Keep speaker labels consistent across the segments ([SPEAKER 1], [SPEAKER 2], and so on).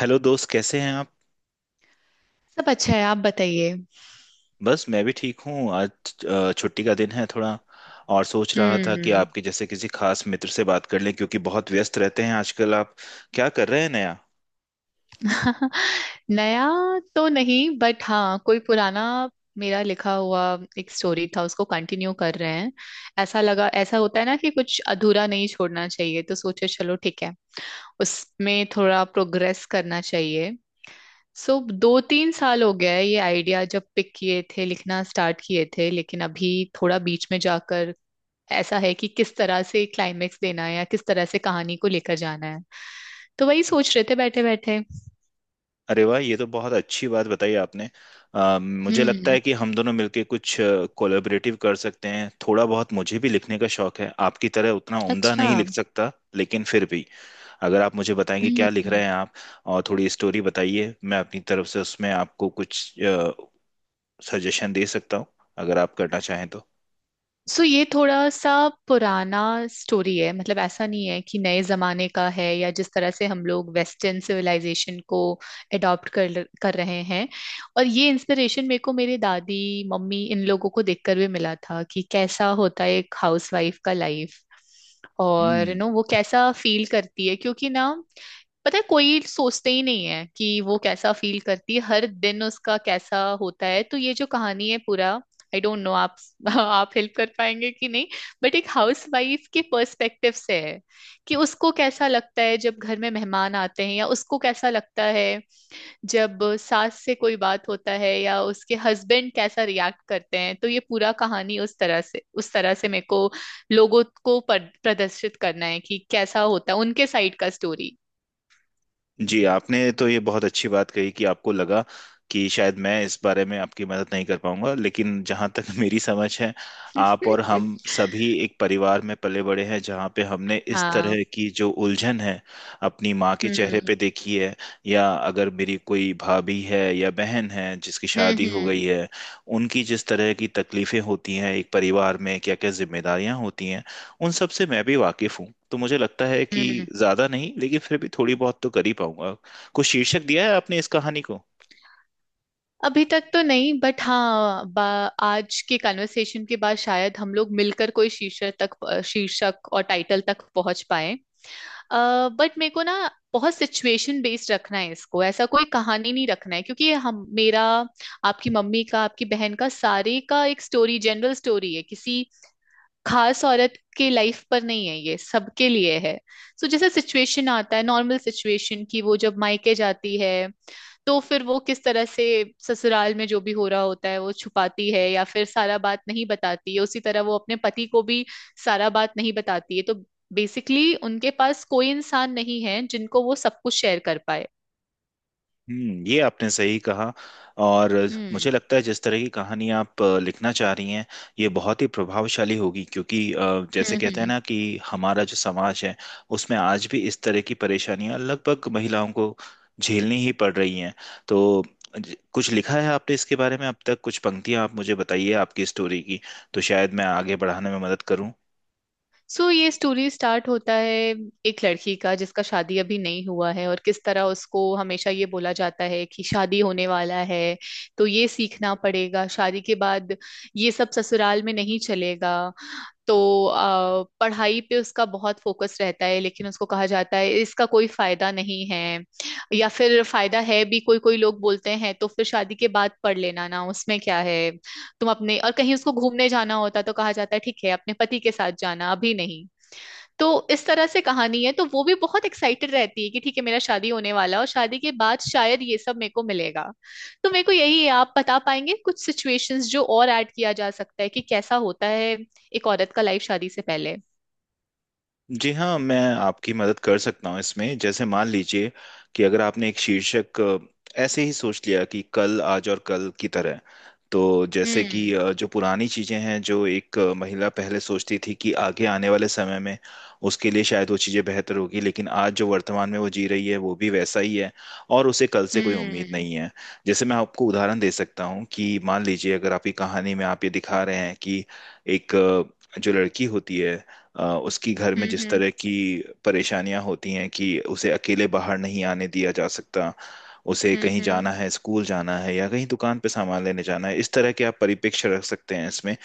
[SPEAKER 1] Hello दोस्त, कैसे हैं आप।
[SPEAKER 2] सब अच्छा है। आप बताइए।
[SPEAKER 1] बस मैं भी ठीक हूँ आज। छुट्टी का दिन है थोड़ा और सोच रहा था कि
[SPEAKER 2] हम्म।
[SPEAKER 1] आपके जैसे किसी खास मित्र से बात कर लें क्योंकि बहुत व्यस्त रहते हैं आजकल आप। क्या कर रहे हैं नया।
[SPEAKER 2] नया तो नहीं, बट हाँ कोई पुराना, मेरा लिखा हुआ एक स्टोरी था, उसको कंटिन्यू कर रहे हैं। ऐसा लगा, ऐसा होता है ना कि कुछ अधूरा नहीं छोड़ना चाहिए, तो सोचे चलो ठीक है, उसमें थोड़ा प्रोग्रेस करना चाहिए। सो 2-3 साल हो गया है ये आइडिया जब पिक किए थे, लिखना स्टार्ट किए थे, लेकिन अभी थोड़ा बीच में जाकर ऐसा है कि किस तरह से क्लाइमेक्स देना है या किस तरह से कहानी को लेकर जाना है। तो वही सोच रहे थे बैठे बैठे।
[SPEAKER 1] अरे वाह, ये तो बहुत अच्छी बात बताई आपने। मुझे लगता
[SPEAKER 2] हम्म।
[SPEAKER 1] है कि हम दोनों मिलके कुछ कोलैबोरेटिव कर सकते हैं। थोड़ा बहुत मुझे भी लिखने का शौक है, आपकी तरह उतना उम्दा
[SPEAKER 2] अच्छा।
[SPEAKER 1] नहीं लिख सकता लेकिन फिर भी। अगर आप मुझे बताएंगे क्या लिख रहे
[SPEAKER 2] हम्म।
[SPEAKER 1] हैं आप, और थोड़ी स्टोरी बताइए, मैं अपनी तरफ से उसमें आपको कुछ सजेशन दे सकता हूँ, अगर आप करना चाहें तो।
[SPEAKER 2] सो ये थोड़ा सा पुराना स्टोरी है, मतलब ऐसा नहीं है कि नए जमाने का है या जिस तरह से हम लोग वेस्टर्न सिविलाइजेशन को अडॉप्ट कर कर रहे हैं। और ये इंस्पिरेशन मेरे को मेरे दादी, मम्मी, इन लोगों को देखकर भी मिला था कि कैसा होता है एक हाउसवाइफ का लाइफ और
[SPEAKER 1] हम्म।
[SPEAKER 2] नो वो कैसा फील करती है, क्योंकि ना पता है कोई सोचते ही नहीं है कि वो कैसा फील करती है, हर दिन उसका कैसा होता है। तो ये जो कहानी है पूरा, आई डोंट नो आप आप हेल्प कर पाएंगे कि नहीं। बट एक हाउस वाइफ के पर्सपेक्टिव से है कि उसको कैसा लगता है जब घर में मेहमान आते हैं, या उसको कैसा लगता है जब सास से कोई बात होता है या उसके हस्बैंड कैसा रिएक्ट करते हैं। तो ये पूरा कहानी उस तरह से मेरे को लोगों को प्रदर्शित करना है कि कैसा होता है उनके साइड का स्टोरी।
[SPEAKER 1] जी, आपने तो ये बहुत अच्छी बात कही कि आपको लगा कि शायद मैं इस बारे में आपकी मदद नहीं कर पाऊंगा, लेकिन जहाँ तक मेरी समझ है, आप और हम सभी एक परिवार में पले बड़े हैं, जहाँ पे हमने इस
[SPEAKER 2] हाँ।
[SPEAKER 1] तरह की जो उलझन है अपनी माँ के चेहरे
[SPEAKER 2] हम्म।
[SPEAKER 1] पे देखी है, या अगर मेरी कोई भाभी है या बहन है जिसकी
[SPEAKER 2] हम्म।
[SPEAKER 1] शादी हो
[SPEAKER 2] हम्म।
[SPEAKER 1] गई है, उनकी जिस तरह की तकलीफें होती हैं, एक परिवार में क्या क्या जिम्मेदारियां होती हैं, उन सब से मैं भी वाकिफ हूँ। तो मुझे लगता है कि
[SPEAKER 2] हम्म।
[SPEAKER 1] ज्यादा नहीं लेकिन फिर भी थोड़ी बहुत तो कर ही पाऊंगा। कुछ शीर्षक दिया है आपने इस कहानी को।
[SPEAKER 2] अभी तक तो नहीं, बट हाँ आज के कन्वर्सेशन के बाद शायद हम लोग मिलकर कोई शीर्षक और टाइटल तक पहुंच पाए। बट मेरे को ना बहुत सिचुएशन बेस्ड रखना है इसको, ऐसा कोई कहानी नहीं रखना है, क्योंकि ये हम मेरा, आपकी मम्मी का, आपकी बहन का, सारे का एक स्टोरी जनरल स्टोरी है, किसी खास औरत के लाइफ पर नहीं है, ये सबके लिए है। सो जैसे सिचुएशन आता है, नॉर्मल सिचुएशन, कि वो जब मायके जाती है तो फिर वो किस तरह से ससुराल में जो भी हो रहा होता है वो छुपाती है, या फिर सारा बात नहीं बताती है, उसी तरह वो अपने पति को भी सारा बात नहीं बताती है। तो बेसिकली उनके पास कोई इंसान नहीं है जिनको वो सब कुछ शेयर कर पाए।
[SPEAKER 1] हम्म, ये आपने सही कहा। और
[SPEAKER 2] हम्म।
[SPEAKER 1] मुझे लगता है जिस तरह की कहानी आप लिखना चाह रही हैं, ये बहुत ही प्रभावशाली होगी, क्योंकि जैसे
[SPEAKER 2] हम्म।
[SPEAKER 1] कहते हैं
[SPEAKER 2] हम्म।
[SPEAKER 1] ना कि हमारा जो समाज है, उसमें आज भी इस तरह की परेशानियां लगभग महिलाओं को झेलनी ही पड़ रही हैं। तो कुछ लिखा है आपने इसके बारे में अब तक, कुछ पंक्तियां आप मुझे बताइए आपकी स्टोरी की, तो शायद मैं आगे बढ़ाने में मदद करूं।
[SPEAKER 2] सो ये स्टोरी स्टार्ट होता है एक लड़की का जिसका शादी अभी नहीं हुआ है, और किस तरह उसको हमेशा ये बोला जाता है कि शादी होने वाला है तो ये सीखना पड़ेगा, शादी के बाद ये सब ससुराल में नहीं चलेगा। तो पढ़ाई पे उसका बहुत फोकस रहता है, लेकिन उसको कहा जाता है इसका कोई फायदा नहीं है, या फिर फायदा है भी, कोई कोई लोग बोलते हैं तो फिर शादी के बाद पढ़ लेना ना, उसमें क्या है। तुम अपने और कहीं उसको घूमने जाना होता तो कहा जाता है ठीक है अपने पति के साथ जाना, अभी नहीं। तो इस तरह से कहानी है। तो वो भी बहुत एक्साइटेड रहती है कि ठीक है मेरा शादी होने वाला है और शादी के बाद शायद ये सब मेरे को मिलेगा। तो मेरे को यही है, आप बता पाएंगे कुछ सिचुएशंस जो और ऐड किया जा सकता है कि कैसा होता है एक औरत का लाइफ शादी से पहले।
[SPEAKER 1] जी हाँ, मैं आपकी मदद कर सकता हूँ इसमें। जैसे मान लीजिए कि अगर आपने एक शीर्षक ऐसे ही सोच लिया कि कल, आज और कल की तरह। तो जैसे कि
[SPEAKER 2] हम्म।
[SPEAKER 1] जो पुरानी चीजें हैं, जो एक महिला पहले सोचती थी कि आगे आने वाले समय में उसके लिए शायद वो चीजें बेहतर होगी, लेकिन आज जो वर्तमान में वो जी रही है वो भी वैसा ही है, और उसे कल से कोई उम्मीद
[SPEAKER 2] हम्म।
[SPEAKER 1] नहीं है। जैसे मैं आपको उदाहरण दे सकता हूँ कि मान लीजिए, अगर आपकी कहानी में आप ये दिखा रहे हैं कि एक जो लड़की होती है, उसकी घर में
[SPEAKER 2] हम्म।
[SPEAKER 1] जिस
[SPEAKER 2] हम्म।
[SPEAKER 1] तरह की परेशानियां होती हैं कि उसे अकेले बाहर नहीं आने दिया जा सकता, उसे कहीं
[SPEAKER 2] हम्म।
[SPEAKER 1] जाना है, स्कूल जाना है या कहीं दुकान पे सामान लेने जाना है, इस तरह के आप परिप्रेक्ष्य रख सकते हैं इसमें।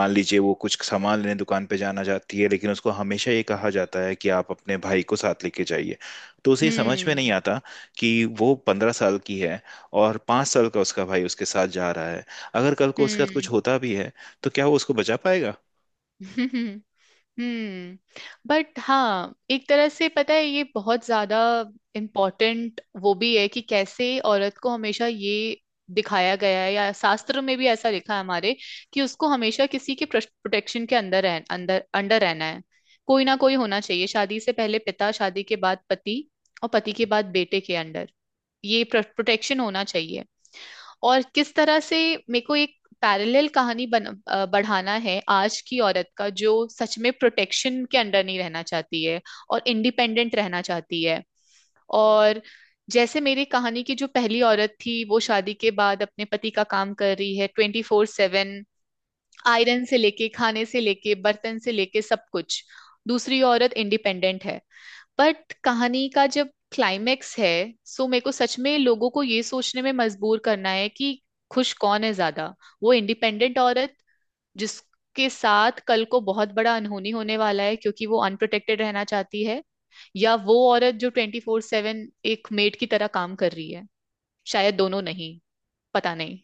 [SPEAKER 1] मान लीजिए वो कुछ सामान लेने दुकान पे जाना चाहती है, लेकिन उसको हमेशा ये कहा जाता है कि आप अपने भाई को साथ लेके जाइए। तो उसे ये समझ में नहीं
[SPEAKER 2] हम्म।
[SPEAKER 1] आता कि वो 15 साल की है और 5 साल का उसका भाई उसके साथ जा रहा है। अगर कल को उसके साथ
[SPEAKER 2] हम्म।
[SPEAKER 1] कुछ होता भी है, तो क्या वो उसको बचा पाएगा।
[SPEAKER 2] हम्म। हम्म। बट हाँ एक तरह से पता है ये बहुत ज्यादा इम्पोर्टेंट वो भी है कि कैसे औरत को हमेशा ये दिखाया गया है, या शास्त्र में भी ऐसा लिखा है हमारे, कि उसको हमेशा किसी के प्रोटेक्शन के अंदर रह, अंदर अंडर रहना है। कोई ना कोई होना चाहिए, शादी से पहले पिता, शादी के बाद पति, और पति के बाद बेटे के अंडर, ये प्रोटेक्शन होना चाहिए। और किस तरह से मेरे को एक पैरेलल कहानी बढ़ाना है, आज की औरत का जो सच में प्रोटेक्शन के अंडर नहीं रहना चाहती है और इंडिपेंडेंट रहना चाहती है। और जैसे मेरी कहानी की जो पहली औरत थी वो शादी के बाद अपने पति का काम कर रही है 24/7, आयरन से लेके, खाने से लेके, बर्तन से लेके, सब कुछ। दूसरी औरत इंडिपेंडेंट है। बट कहानी का जब क्लाइमेक्स है, सो मेरे को सच में लोगों को ये सोचने में मजबूर करना है कि खुश कौन है ज्यादा, वो इंडिपेंडेंट औरत जिसके साथ कल को बहुत बड़ा अनहोनी होने वाला है क्योंकि वो अनप्रोटेक्टेड रहना चाहती है, या वो औरत जो 24/7 एक मेड की तरह काम कर रही है। शायद दोनों नहीं। पता नहीं।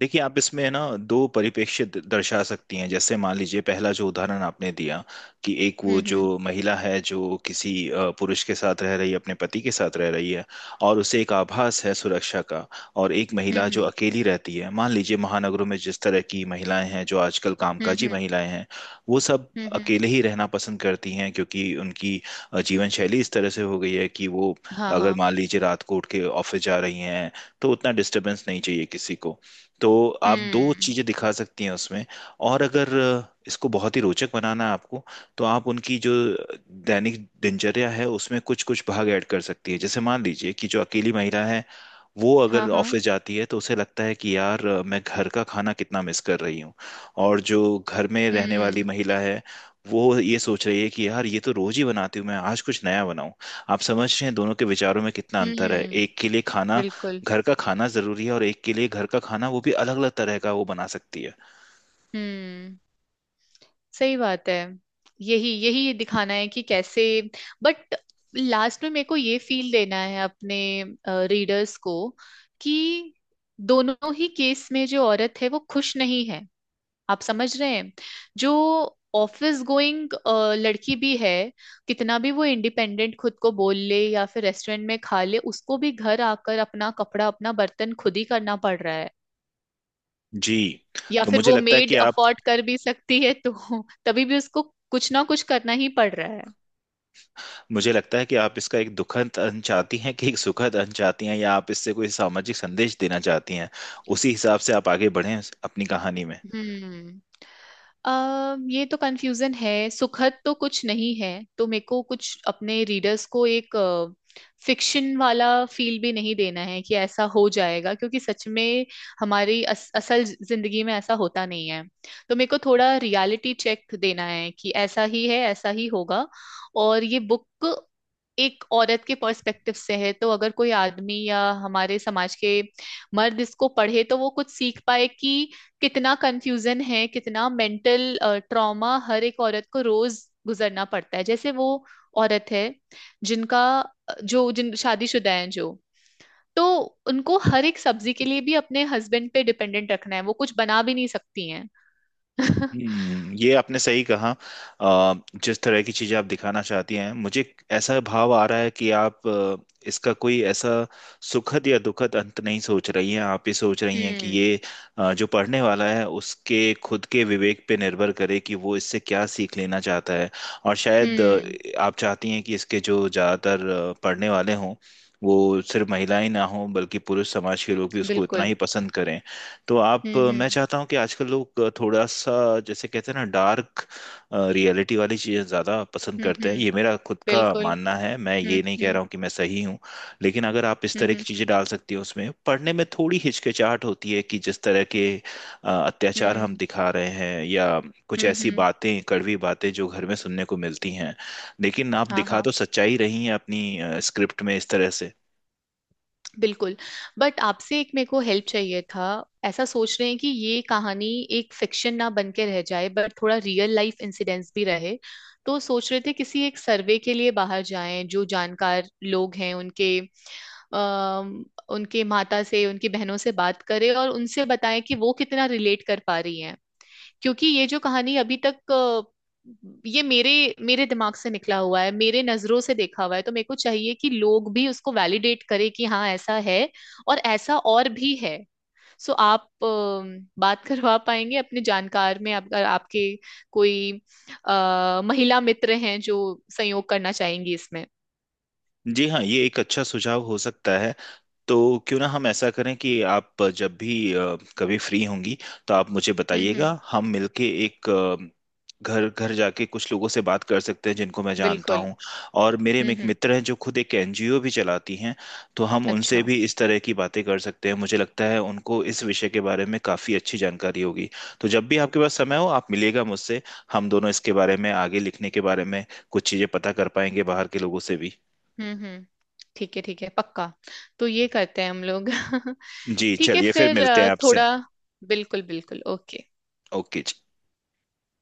[SPEAKER 1] देखिए, आप इसमें है ना दो परिप्रेक्ष्य दर्शा सकती हैं। जैसे मान लीजिए, पहला जो उदाहरण आपने दिया कि एक वो
[SPEAKER 2] हम्म। हम्म।
[SPEAKER 1] जो महिला है जो किसी पुरुष के साथ रह रही है, अपने पति के साथ रह रही है, और उसे एक आभास है सुरक्षा का। और एक महिला जो
[SPEAKER 2] हम्म।
[SPEAKER 1] अकेली रहती है, मान लीजिए महानगरों में जिस तरह की महिलाएं हैं जो आजकल
[SPEAKER 2] हम्म।
[SPEAKER 1] कामकाजी
[SPEAKER 2] हम्म।
[SPEAKER 1] महिलाएं हैं, वो सब
[SPEAKER 2] हम्म।
[SPEAKER 1] अकेले ही रहना पसंद करती हैं, क्योंकि उनकी जीवन शैली इस तरह से हो गई है कि वो,
[SPEAKER 2] हाँ।
[SPEAKER 1] अगर
[SPEAKER 2] हाँ।
[SPEAKER 1] मान लीजिए, रात को उठ के ऑफिस जा रही हैं, तो उतना डिस्टरबेंस नहीं चाहिए किसी को। तो आप दो
[SPEAKER 2] हम्म।
[SPEAKER 1] चीजें दिखा सकती हैं उसमें। और अगर इसको बहुत ही रोचक बनाना है आपको, तो आप उनकी जो दैनिक दिनचर्या है उसमें कुछ कुछ भाग ऐड कर सकती है। जैसे मान लीजिए कि जो अकेली महिला है वो
[SPEAKER 2] हाँ।
[SPEAKER 1] अगर
[SPEAKER 2] हाँ।
[SPEAKER 1] ऑफिस जाती है, तो उसे लगता है कि यार, मैं घर का खाना कितना मिस कर रही हूँ। और जो घर में रहने वाली
[SPEAKER 2] हम्म।
[SPEAKER 1] महिला है, वो ये सोच रही है कि यार, ये तो रोज ही बनाती हूँ, मैं आज कुछ नया बनाऊं। आप समझ रहे हैं दोनों के विचारों में कितना अंतर है।
[SPEAKER 2] हम्म।
[SPEAKER 1] एक के लिए खाना,
[SPEAKER 2] बिल्कुल।
[SPEAKER 1] घर का खाना जरूरी है, और एक के लिए घर का खाना, वो भी अलग अलग तरह का, वो बना सकती है।
[SPEAKER 2] हम्म। सही बात है। यही यही दिखाना है कि कैसे। बट लास्ट में मेरे को ये फील देना है अपने रीडर्स को कि दोनों ही केस में जो औरत है वो खुश नहीं है। आप समझ रहे हैं। जो ऑफिस गोइंग लड़की भी है, कितना भी वो इंडिपेंडेंट खुद को बोल ले या फिर रेस्टोरेंट में खा ले, उसको भी घर आकर अपना कपड़ा अपना बर्तन खुद ही करना पड़ रहा है।
[SPEAKER 1] जी,
[SPEAKER 2] या
[SPEAKER 1] तो
[SPEAKER 2] फिर वो मेड अफोर्ड कर भी सकती है, तो तभी भी उसको कुछ ना कुछ करना ही पड़ रहा है।
[SPEAKER 1] मुझे लगता है कि आप इसका एक दुखद अंत चाहती हैं कि एक सुखद अंत चाहती हैं, या आप इससे कोई सामाजिक संदेश देना चाहती हैं। उसी हिसाब से आप आगे बढ़ें अपनी कहानी में।
[SPEAKER 2] हम्म। ये तो कंफ्यूजन है। सुखद तो कुछ नहीं है। तो मेरे को कुछ अपने रीडर्स को एक फिक्शन वाला फील भी नहीं देना है कि ऐसा हो जाएगा, क्योंकि सच में हमारी असल जिंदगी में ऐसा होता नहीं है। तो मेरे को थोड़ा रियलिटी चेक देना है कि ऐसा ही है, ऐसा ही होगा। और ये बुक एक औरत के पर्सपेक्टिव से है, तो अगर कोई आदमी या हमारे समाज के मर्द इसको पढ़े तो वो कुछ सीख पाए कि कितना कंफ्यूजन है, कितना मेंटल ट्रॉमा हर एक औरत को रोज गुजरना पड़ता है। जैसे वो औरत है जिनका जो जिन शादीशुदा हैं जो तो उनको हर एक सब्जी के लिए भी अपने हस्बैंड पे डिपेंडेंट रखना है, वो कुछ बना भी नहीं सकती हैं।
[SPEAKER 1] ये आपने सही कहा। अ, जिस तरह की चीजें आप दिखाना चाहती हैं, मुझे एक ऐसा भाव आ रहा है कि आप इसका कोई ऐसा सुखद या दुखद अंत नहीं सोच रही हैं। आप ये सोच रही हैं कि
[SPEAKER 2] हम्म।
[SPEAKER 1] ये जो पढ़ने वाला है उसके खुद के विवेक पे निर्भर करे कि वो इससे क्या सीख लेना चाहता है। और शायद
[SPEAKER 2] हम्म।
[SPEAKER 1] आप चाहती हैं कि इसके जो ज्यादातर पढ़ने वाले हों, वो सिर्फ महिलाएं ना हों, बल्कि पुरुष समाज के लोग भी उसको इतना
[SPEAKER 2] बिल्कुल।
[SPEAKER 1] ही पसंद करें। तो आप,
[SPEAKER 2] हम्म।
[SPEAKER 1] मैं
[SPEAKER 2] हम्म।
[SPEAKER 1] चाहता हूँ कि आजकल लोग थोड़ा सा, जैसे कहते हैं ना, डार्क रियलिटी वाली चीज़ें ज़्यादा पसंद
[SPEAKER 2] हम्म।
[SPEAKER 1] करते हैं। ये मेरा खुद का
[SPEAKER 2] बिल्कुल।
[SPEAKER 1] मानना है, मैं
[SPEAKER 2] हम्म।
[SPEAKER 1] ये नहीं कह
[SPEAKER 2] हम्म।
[SPEAKER 1] रहा हूँ कि मैं सही हूँ, लेकिन अगर आप इस तरह की
[SPEAKER 2] हम्म।
[SPEAKER 1] चीज़ें डाल सकती हो उसमें, पढ़ने में थोड़ी हिचकिचाहट होती है कि जिस तरह के अत्याचार हम
[SPEAKER 2] हम्म।
[SPEAKER 1] दिखा रहे हैं, या कुछ
[SPEAKER 2] हम्म।
[SPEAKER 1] ऐसी बातें, कड़वी बातें जो घर में सुनने को मिलती हैं, लेकिन आप
[SPEAKER 2] हाँ।
[SPEAKER 1] दिखा
[SPEAKER 2] हाँ।
[SPEAKER 1] तो सच्चाई रही हैं अपनी स्क्रिप्ट में इस तरह से।
[SPEAKER 2] बिल्कुल। बट आपसे एक मेरे को हेल्प चाहिए था। ऐसा सोच रहे हैं कि ये कहानी एक फिक्शन ना बन के रह जाए, बट थोड़ा रियल लाइफ इंसिडेंट्स भी रहे। तो सोच रहे थे किसी एक सर्वे के लिए बाहर जाएं, जो जानकार लोग हैं अम उनके माता से, उनकी बहनों से बात करें और उनसे बताएं कि वो कितना रिलेट कर पा रही हैं, क्योंकि ये जो कहानी अभी तक ये मेरे मेरे दिमाग से निकला हुआ है, मेरे नजरों से देखा हुआ है, तो मेरे को चाहिए कि लोग भी उसको वैलिडेट करें कि हाँ ऐसा है और ऐसा और भी है। सो आप बात करवा पाएंगे अपने जानकार में, अगर आपके कोई महिला मित्र हैं जो सहयोग करना चाहेंगी इसमें।
[SPEAKER 1] जी हाँ, ये एक अच्छा सुझाव हो सकता है। तो क्यों ना हम ऐसा करें कि आप जब भी कभी फ्री होंगी, तो आप मुझे
[SPEAKER 2] हम्म।
[SPEAKER 1] बताइएगा,
[SPEAKER 2] हम्म।
[SPEAKER 1] हम मिलके एक घर घर जाके कुछ लोगों से बात कर सकते हैं जिनको मैं जानता
[SPEAKER 2] बिल्कुल।
[SPEAKER 1] हूँ। और मेरे
[SPEAKER 2] हम्म।
[SPEAKER 1] एक
[SPEAKER 2] हम्म।
[SPEAKER 1] मित्र हैं जो खुद एक एनजीओ भी चलाती हैं, तो हम उनसे
[SPEAKER 2] अच्छा।
[SPEAKER 1] भी इस तरह की बातें कर सकते हैं, मुझे लगता है उनको इस विषय के बारे में काफ़ी अच्छी जानकारी होगी। तो जब भी आपके पास समय हो आप मिलिएगा मुझसे, हम दोनों इसके बारे में आगे लिखने के बारे में कुछ चीज़ें पता कर पाएंगे बाहर के लोगों से भी।
[SPEAKER 2] हम्म। हम्म। ठीक है, ठीक है, पक्का। तो ये करते हैं हम लोग।
[SPEAKER 1] जी,
[SPEAKER 2] ठीक है
[SPEAKER 1] चलिए फिर
[SPEAKER 2] फिर,
[SPEAKER 1] मिलते हैं आपसे।
[SPEAKER 2] थोड़ा, बिल्कुल बिल्कुल, ओके।
[SPEAKER 1] ओके जी।